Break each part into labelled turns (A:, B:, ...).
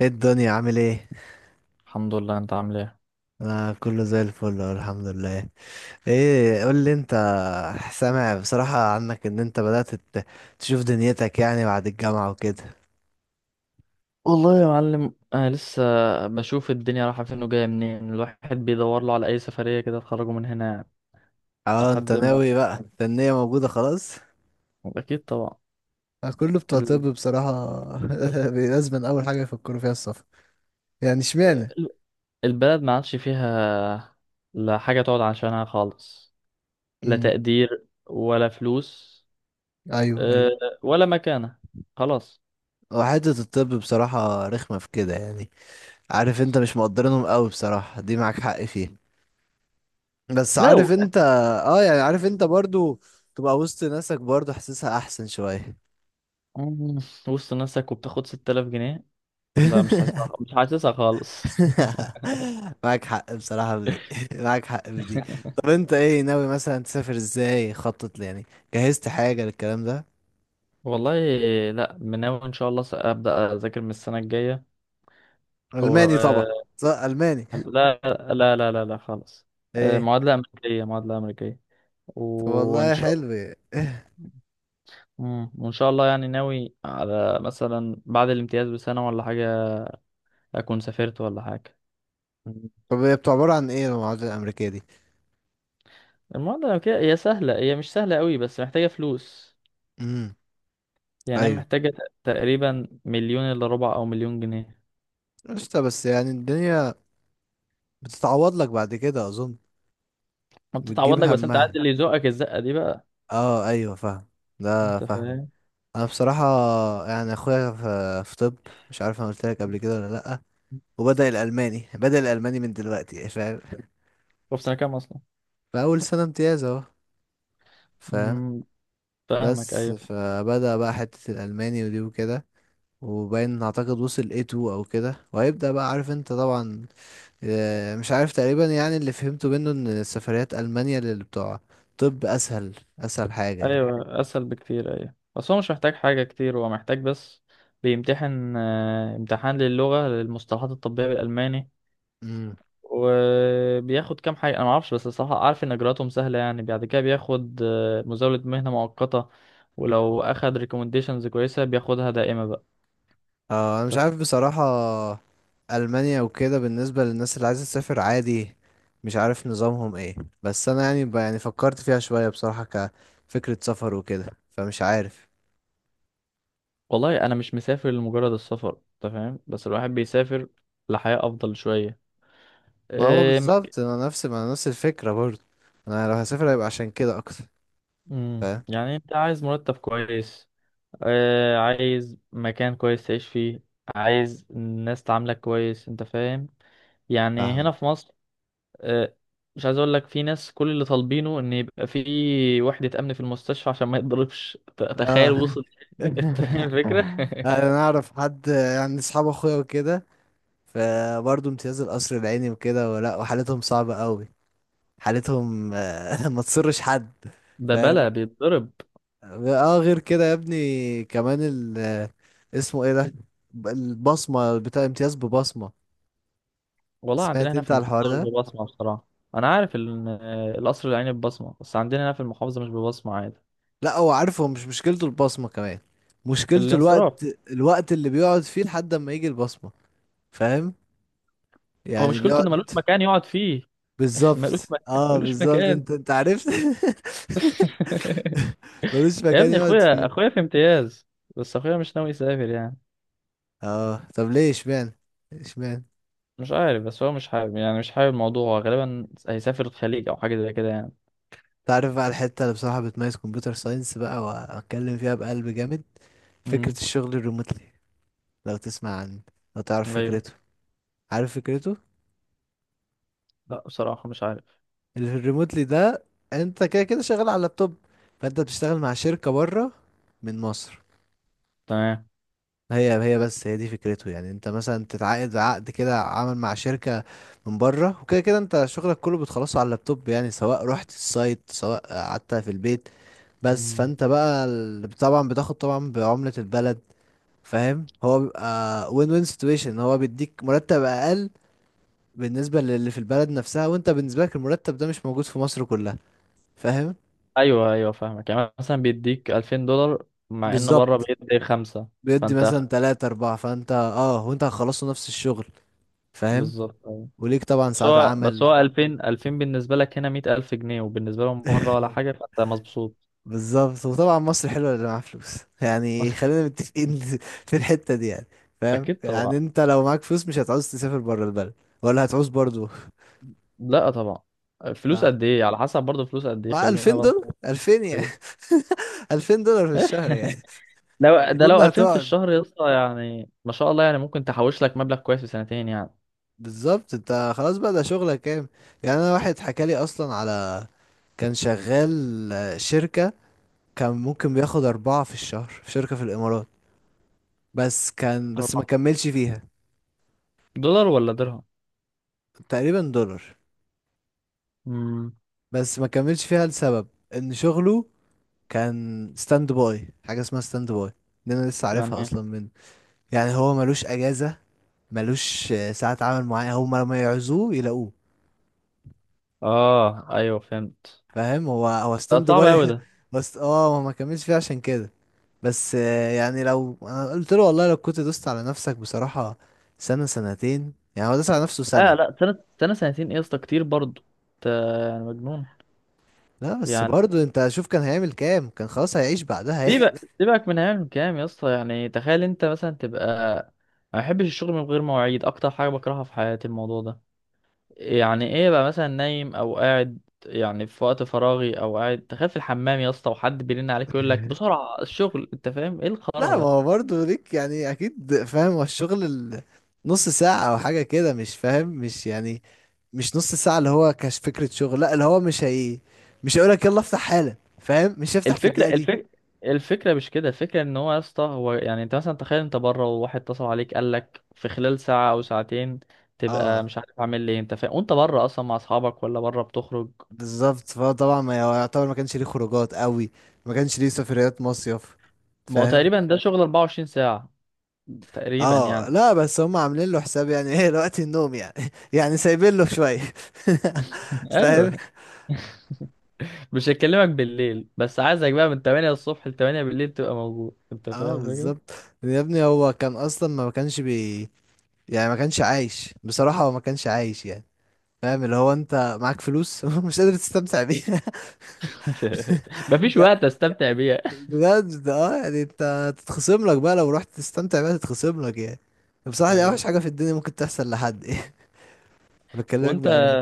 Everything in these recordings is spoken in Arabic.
A: ايه الدنيا عامل ايه؟
B: الحمد لله. انت عامل ايه؟
A: انا كله زي الفل أهو، الحمد لله. ايه قول لي انت. سامع بصراحة عنك ان انت تشوف دنيتك يعني بعد الجامعة وكده.
B: والله يا معلم انا لسه بشوف الدنيا رايحه فين وجايه منين، الواحد بيدور له على اي سفريه كده تخرجه من هنا يعني.
A: اه انت
B: لحد ما
A: ناوي بقى، انت النية موجودة خلاص.
B: اكيد طبعا.
A: كله بتوع طب
B: ال-
A: بصراحة. لازم أول حاجة يفكروا فيها السفر. يعني اشمعنى؟
B: ال- البلد ما عادش فيها لا حاجه تقعد عشانها خالص، لا
A: مم.
B: تقدير ولا فلوس،
A: أيوه
B: اه،
A: أيوه.
B: ولا مكانه. خلاص.
A: وحتة الطب بصراحة رخمة في كده يعني. عارف انت مش مقدرينهم قوي بصراحة، دي معاك حق فيها. بس عارف
B: لو
A: انت، اه يعني عارف انت برضو تبقى وسط ناسك برضو حاسسها احسن شوية.
B: مم، وسط نفسك وبتاخد 6000 جنيه، لا، مش حاسسها مش حاسسها خالص.
A: معاك حق بصراحة في دي. معاك حق في دي. طب انت ايه ناوي مثلا تسافر ازاي؟ خطط لي يعني، جهزت حاجة للكلام ده؟
B: والله لا، مناوي ان شاء الله ابدا اذاكر من السنه الجايه.
A: الماني
B: و
A: طبعا. صح الماني.
B: لا لا لا لا لا خالص.
A: ايه.
B: معادله امريكيه معادله امريكيه
A: طب
B: وان
A: والله
B: شاء الله.
A: حلو.
B: مم. وان شاء الله يعني ناوي على مثلا بعد الامتياز بسنه ولا حاجه اكون سافرت ولا حاجه.
A: طب هي بتبقى عبارة عن ايه المعادلة الامريكية دي؟
B: المعادله الامريكيه هي سهله، هي مش سهله قوي، بس محتاجه فلوس.
A: امم.
B: يعني هي
A: ايوه.
B: محتاجه تقريبا مليون الا ربع او مليون جنيه.
A: قشطة، بس يعني الدنيا بتتعوض لك بعد كده اظن.
B: ما
A: بتجيب
B: بتتعوض لك، بس انت عارف
A: همها.
B: اللي يزقك الزقه دي بقى.
A: اه ايوه فاهم. ده
B: انت
A: فاهم.
B: فاهم.
A: انا بصراحه يعني اخويا في طب، مش عارف انا قلت لك قبل كده ولا لا. وبدا الالماني بدا الالماني من دلوقتي، فاهم؟
B: هو في سنه كام
A: في اول سنه امتياز اهو. فاهم.
B: اصلا؟ فاهمك.
A: بس
B: ايوه،
A: فبدا بقى حته الالماني ودي وكده، وباين اعتقد وصل A2 او كده، وهيبدا بقى عارف انت طبعا. مش عارف، تقريبا يعني اللي فهمته منه ان سفريات المانيا للي بتوع طب اسهل، اسهل حاجه
B: ايوه اسهل بكتير، ايوه بس هو مش محتاج حاجه كتير، هو محتاج بس بيمتحن امتحان للغه للمصطلحات الطبيه بالالماني.
A: يعني.
B: وبياخد كام حاجه انا ما اعرفش، بس الصراحه اعرف ان اجراءاتهم سهله. يعني بعد كده بياخد مزاوله مهنه مؤقته، ولو اخد ريكومنديشنز كويسه بياخدها دائمه بقى.
A: اه انا مش
B: طب
A: عارف بصراحة ألمانيا وكده بالنسبة للناس اللي عايزة تسافر عادي، مش عارف نظامهم ايه. بس انا يعني يعني فكرت فيها شوية بصراحة كفكرة سفر وكده، فمش عارف.
B: والله انا مش مسافر لمجرد السفر، انت فاهم، بس الواحد بيسافر لحياه افضل شويه.
A: ما هو
B: آه،
A: بالظبط، انا نفس ما أنا نفس الفكرة برضه. انا لو هسافر هيبقى عشان كده اكتر.
B: مم،
A: فاهم.
B: يعني انت عايز مرتب كويس، عايز مكان كويس تعيش فيه، عايز الناس تعاملك كويس، انت فاهم، يعني هنا
A: فاهم.
B: في مصر. آه مش عايز اقول لك، في ناس كل اللي طالبينه ان يبقى في وحدة امن في المستشفى عشان ما يتضربش. تخيل
A: اه.
B: وصل. انت فاهم الفكرة.
A: انا اعرف حد يعني اصحاب اخويا وكده، فبرضه امتياز القصر العيني وكده ولا، وحالتهم صعبة قوي. حالتهم ما تصرش حد.
B: ده بلا بيتضرب.
A: اه غير كده يا ابني، كمان اسمه ايه ده، البصمة بتاع امتياز ببصمة.
B: والله عندنا
A: سمعت
B: هنا
A: انت
B: في
A: على
B: المحافظة
A: الحوار
B: مش
A: ده؟
B: ببصمة بصراحة. انا عارف ان القصر العيني ببصمة، بس عندنا هنا في المحافظة مش ببصمة عادي.
A: لا هو عارف، هو مش مشكلته البصمة كمان، مشكلته
B: الانصراف.
A: الوقت. الوقت اللي بيقعد فيه لحد ما يجي البصمة، فاهم؟
B: هو
A: يعني
B: مشكلته انه ملوش
A: بيقعد.
B: مكان يقعد فيه. ملوش
A: بالظبط
B: مكان،
A: اه
B: ملوش
A: بالظبط،
B: مكان.
A: انت انت عرفت. ملوش
B: يا
A: مكان
B: ابني
A: يقعد
B: اخويا،
A: فيه.
B: اخويا في امتياز بس اخويا مش ناوي يسافر يعني.
A: اه طب ليه؟ اشمعنى؟ اشمعنى؟
B: مش عارف، بس هو مش حابب، يعني مش حابب الموضوع. هو غالبا هيسافر الخليج او حاجه زي كده يعني.
A: تعرف بقى الحتة اللي بصراحة بتميز كمبيوتر ساينس بقى، وأتكلم فيها بقلب جامد، فكرة
B: امم.
A: الشغل الريموتلي. لو تسمع عن، لو تعرف
B: ايوه.
A: فكرته. عارف فكرته.
B: لا بصراحه مش عارف.
A: اللي في الريموتلي ده، أنت كده كده شغال على اللابتوب، فأنت بتشتغل مع شركة بره من مصر.
B: تمام.
A: هي بس هي دي فكرته، يعني انت مثلا تتعاقد عقد كده عمل مع شركة من بره، وكده كده انت شغلك كله بتخلصه على اللابتوب، يعني سواء رحت السايت سواء قعدت في البيت. بس
B: مم.
A: فانت بقى طبعا بتاخد طبعا بعملة البلد. فاهم، هو بيبقى وين سيتويشن، هو بيديك مرتب اقل بالنسبه للي في البلد نفسها، وانت بالنسبه لك المرتب ده مش موجود في مصر كلها. فاهم.
B: ايوه، ايوه فاهمك. يعني مثلا بيديك 2000 دولار مع ان بره
A: بالظبط.
B: بيدي خمسه.
A: بيدي
B: فانت خ-
A: مثلا تلاتة أربعة، فانت اه وانت هتخلصوا نفس الشغل. فاهم.
B: بالظبط أيوة.
A: وليك طبعا
B: بس
A: ساعات
B: هو بس
A: عمل.
B: هو 2000 2000 بالنسبه لك هنا 100000 جنيه وبالنسبه لهم بره ولا حاجه، فانت مبسوط.
A: بالظبط. وطبعا مصر حلوه اللي معاه فلوس، يعني خلينا متفقين في الحته دي يعني. فاهم،
B: اكيد
A: يعني
B: طبعا.
A: انت لو معاك فلوس مش هتعوز تسافر بره البلد، ولا هتعوز برضو.
B: لا طبعا. فلوس قد ايه؟ على حسب برضه، فلوس قد ايه،
A: مع
B: خلينا
A: $2000،
B: برضه.
A: 2000 يعني. $2000 في الشهر يعني.
B: لو ده
A: اظن
B: لو 2000 في
A: هتقعد.
B: الشهر يا اسطى، يعني ما شاء الله، يعني ممكن تحوش لك مبلغ كويس في سنتين يعني.
A: بالظبط، انت خلاص بقى، ده شغلك كام. يعني انا واحد حكى لي اصلا على، كان شغال شركة، كان ممكن بياخد أربعة في الشهر في شركة في الإمارات، بس كان، بس ما
B: أربعة
A: كملش فيها.
B: دولار ولا درهم؟
A: تقريبا دولار.
B: امم.
A: بس ما كملش فيها لسبب إن شغله كان ستاند باي، حاجة اسمها ستاند باي دي أنا لسه
B: يعني
A: عارفها
B: إيه؟
A: أصلا منه. يعني هو ملوش أجازة، ملوش ساعة عمل معينة، هما لما يعوزوه يلاقوه.
B: اه، ايوه فهمت.
A: فاهم، هو
B: ده
A: ستاند
B: صعب قوي
A: باي.
B: ده.
A: بس اه هو ما كملش فيه عشان كده. بس يعني لو انا قلت له والله لو كنت دوست على نفسك بصراحة سنة سنتين، يعني هو داس على نفسه
B: اه
A: سنة.
B: لا، سنة، سنة سنتين ايه يا اسطى، كتير برضه، انت يعني مجنون.
A: لا بس
B: يعني
A: برضه انت شوف كان هيعمل كام، كان خلاص هيعيش بعدها يعني.
B: سيبك سيبك من عام كام يا اسطى، يعني تخيل انت مثلا تبقى، ما بحبش الشغل من غير مواعيد، اكتر حاجة بكرهها في حياتي الموضوع ده. يعني ايه بقى مثلا نايم او قاعد، يعني في وقت فراغي او قاعد، تخيل في الحمام يا اسطى، وحد بيرن عليك يقول لك بسرعه الشغل. انت فاهم ايه الخرا
A: لا ما
B: ده؟
A: هو برضه ليك، يعني اكيد فاهم هو الشغل نص ساعة او حاجة كده، مش فاهم، مش يعني مش نص ساعة اللي هو كاش فكرة شغل، لا اللي هو مش هي، مش هيقولك يلا افتح حالا، فاهم، مش هيفتح في
B: الفكره
A: الدقيقة دي.
B: الفكره الفكره مش كده، الفكره ان هو يا اسطى يعني انت مثلا تخيل انت بره، وواحد اتصل عليك قال لك في خلال ساعه او ساعتين، تبقى
A: اه
B: مش عارف اعمل ايه. انت فاهم، وانت بره اصلا مع اصحابك، ولا بره بتخرج.
A: بالظبط، فهو طبعا ما يعتبر ما كانش ليه خروجات قوي، ما كانش ليه سفريات مصيف،
B: ما هو
A: فاهم.
B: تقريبا ده شغل 24 ساعه تقريبا
A: اه
B: يعني.
A: لا بس هم عاملين له حساب يعني، ايه وقت النوم يعني، يعني سايبين له شوية. فاهم.
B: ايوه. مش هكلمك بالليل، بس عايزك بقى من 8 الصبح ل 8 بالليل تبقى موجود، انت
A: اه
B: فاهم الفكرة.
A: بالظبط. يا ابني هو كان اصلا ما كانش بي، يعني ما كانش عايش بصراحة، هو ما كانش عايش يعني. فاهم، اللي هو انت معاك فلوس مش قادر تستمتع بيها.
B: مفيش وقت استمتع بيها.
A: بجد اه، يعني انت تتخصم لك بقى لو رحت تستمتع بقى تتخصم لك يعني. بصراحة دي
B: ايوه.
A: اوحش حاجة في الدنيا ممكن تحصل لحد يعني. بكلمك
B: وانت
A: بأمان.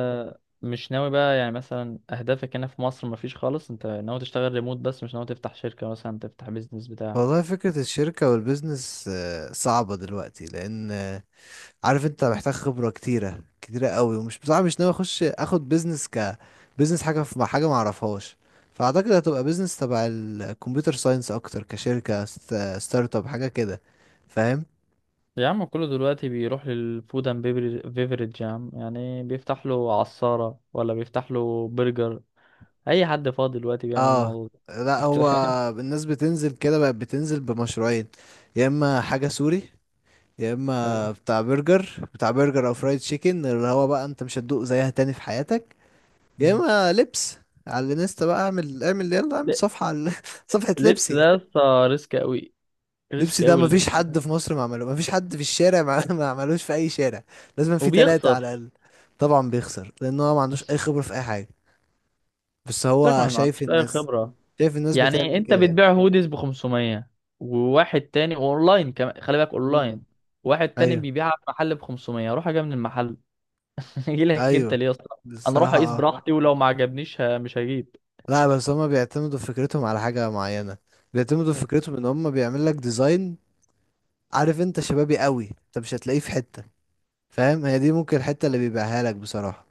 B: مش ناوي بقى، يعني مثلا اهدافك هنا في مصر مفيش خالص؟ انت ناوي تشتغل ريموت بس، مش ناوي تفتح شركة مثلا، تفتح بيزنس بتاع؟
A: والله فكرة الشركة والبيزنس صعبة دلوقتي لأن، عارف انت محتاج خبرة كتيرة، كتيرة قوي، ومش بصراحة مش ناوي اخد بيزنس ك، بيزنس حاجة في مع حاجة معرفهاش. فأعتقد هتبقى بيزنس تبع الكمبيوتر ساينس أكتر، كشركة ستارت اب حاجة كده. فاهم.
B: يا عم كله دلوقتي بيروح للفود اند بيفرج يا عم، يعني بيفتح له عصارة ولا بيفتح له برجر. اي حد فاضي دلوقتي بيعمل
A: اه
B: الموضوع ده.
A: لا
B: انت
A: هو،
B: فاهم.
A: الناس بتنزل كده بقت بتنزل بمشروعين، يا اما حاجة سوري، يا
B: أيوة.
A: اما بتاع برجر او فرايد تشيكن اللي هو بقى انت مش هتدوق زيها تاني في حياتك، يا اما لبس. على الانستا بقى اعمل، اعمل يلا اعمل صفحة على صفحة لبس
B: اللبس ده
A: يعني.
B: يا اسطى ريسك قوي،
A: لبس
B: ريسك
A: ده
B: قوي
A: مفيش
B: اللبس.
A: حد في مصر ما عمله، مفيش حد في الشارع ما ما عملوش في اي شارع، لازم في تلاتة على
B: وبيخسر.
A: الاقل. طبعا بيخسر لان هو ما عندوش اي خبرة في اي حاجة، بس هو
B: ما
A: شايف
B: عندوش اي
A: الناس،
B: خبره.
A: شايف الناس
B: يعني
A: بتعمل
B: انت
A: كده يعني.
B: بتبيع هوديز ب 500، وواحد تاني اونلاين كمان، خلي بالك اونلاين،
A: مم.
B: واحد تاني
A: ايوه
B: بيبيعها في محل ب 500. روح اجيبها من المحل. اجي لك انت
A: ايوه.
B: ليه يا اسطى؟ انا اروح
A: الصراحة
B: اقيس
A: اه.
B: براحتي، ولو ما عجبنيش مش هجيب.
A: لا بس هما بيعتمدوا في فكرتهم على حاجة معينة، بيعتمدوا في فكرتهم ان هما بيعمل لك ديزاين عارف انت شبابي قوي، انت مش هتلاقيه في حتة، فاهم، هي دي ممكن الحتة اللي بيبيعها لك بصراحة.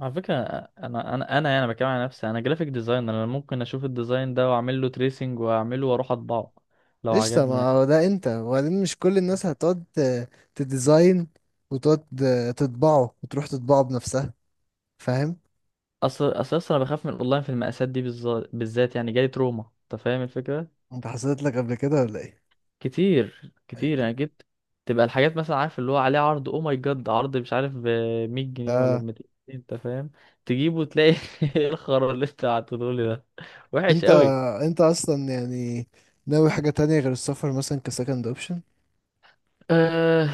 B: على فكره، انا يعني بتكلم على نفسي انا، جرافيك ديزاينر. انا ممكن اشوف الديزاين ده واعمل له تريسنج، واعمله واروح اطبعه لو
A: قشطة،
B: عجبني.
A: ما هو ده انت، وبعدين مش كل الناس هتقعد تديزاين وتقعد تطبعه، وتروح تطبعه بنفسها، فاهم.
B: اصل انا بخاف من الاونلاين، في المقاسات دي بالذات، يعني جالي تروما انت فاهم الفكره.
A: انت حصلت لك قبل كده ولا ايه؟
B: كتير
A: أيوة.
B: كتير يعني جبت، تبقى الحاجات مثلا، عارف، اللي هو عليه عرض او ماي جاد، عرض مش عارف ب 100 جنيه ولا ب
A: آه.
B: 200 جنيه، انت فاهم. تجيبه وتلاقي ايه الخرا اللي انت بعته لي ده، وحش
A: انت
B: قوي.
A: انت اصلا يعني ناوي حاجة تانية غير السفر مثلا كسكند اوبشن؟
B: أه،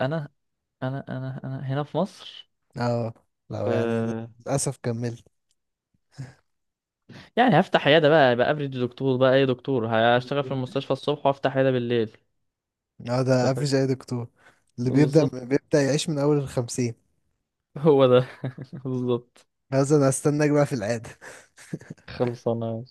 B: انا انا هنا في مصر.
A: اه لو يعني
B: أه
A: للأسف كملت.
B: يعني هفتح عياده بقى، يبقى افريج دكتور بقى، اي دكتور. هشتغل في المستشفى الصبح وافتح عياده بالليل،
A: اه ده
B: انت فاهم.
A: افريج اي دكتور، اللي بيبدأ،
B: بالظبط.
A: بيبدأ يعيش من اول الخمسين.
B: هو ده. بالظبط.
A: هذا انا استناك بقى في العادة.
B: خلصانة.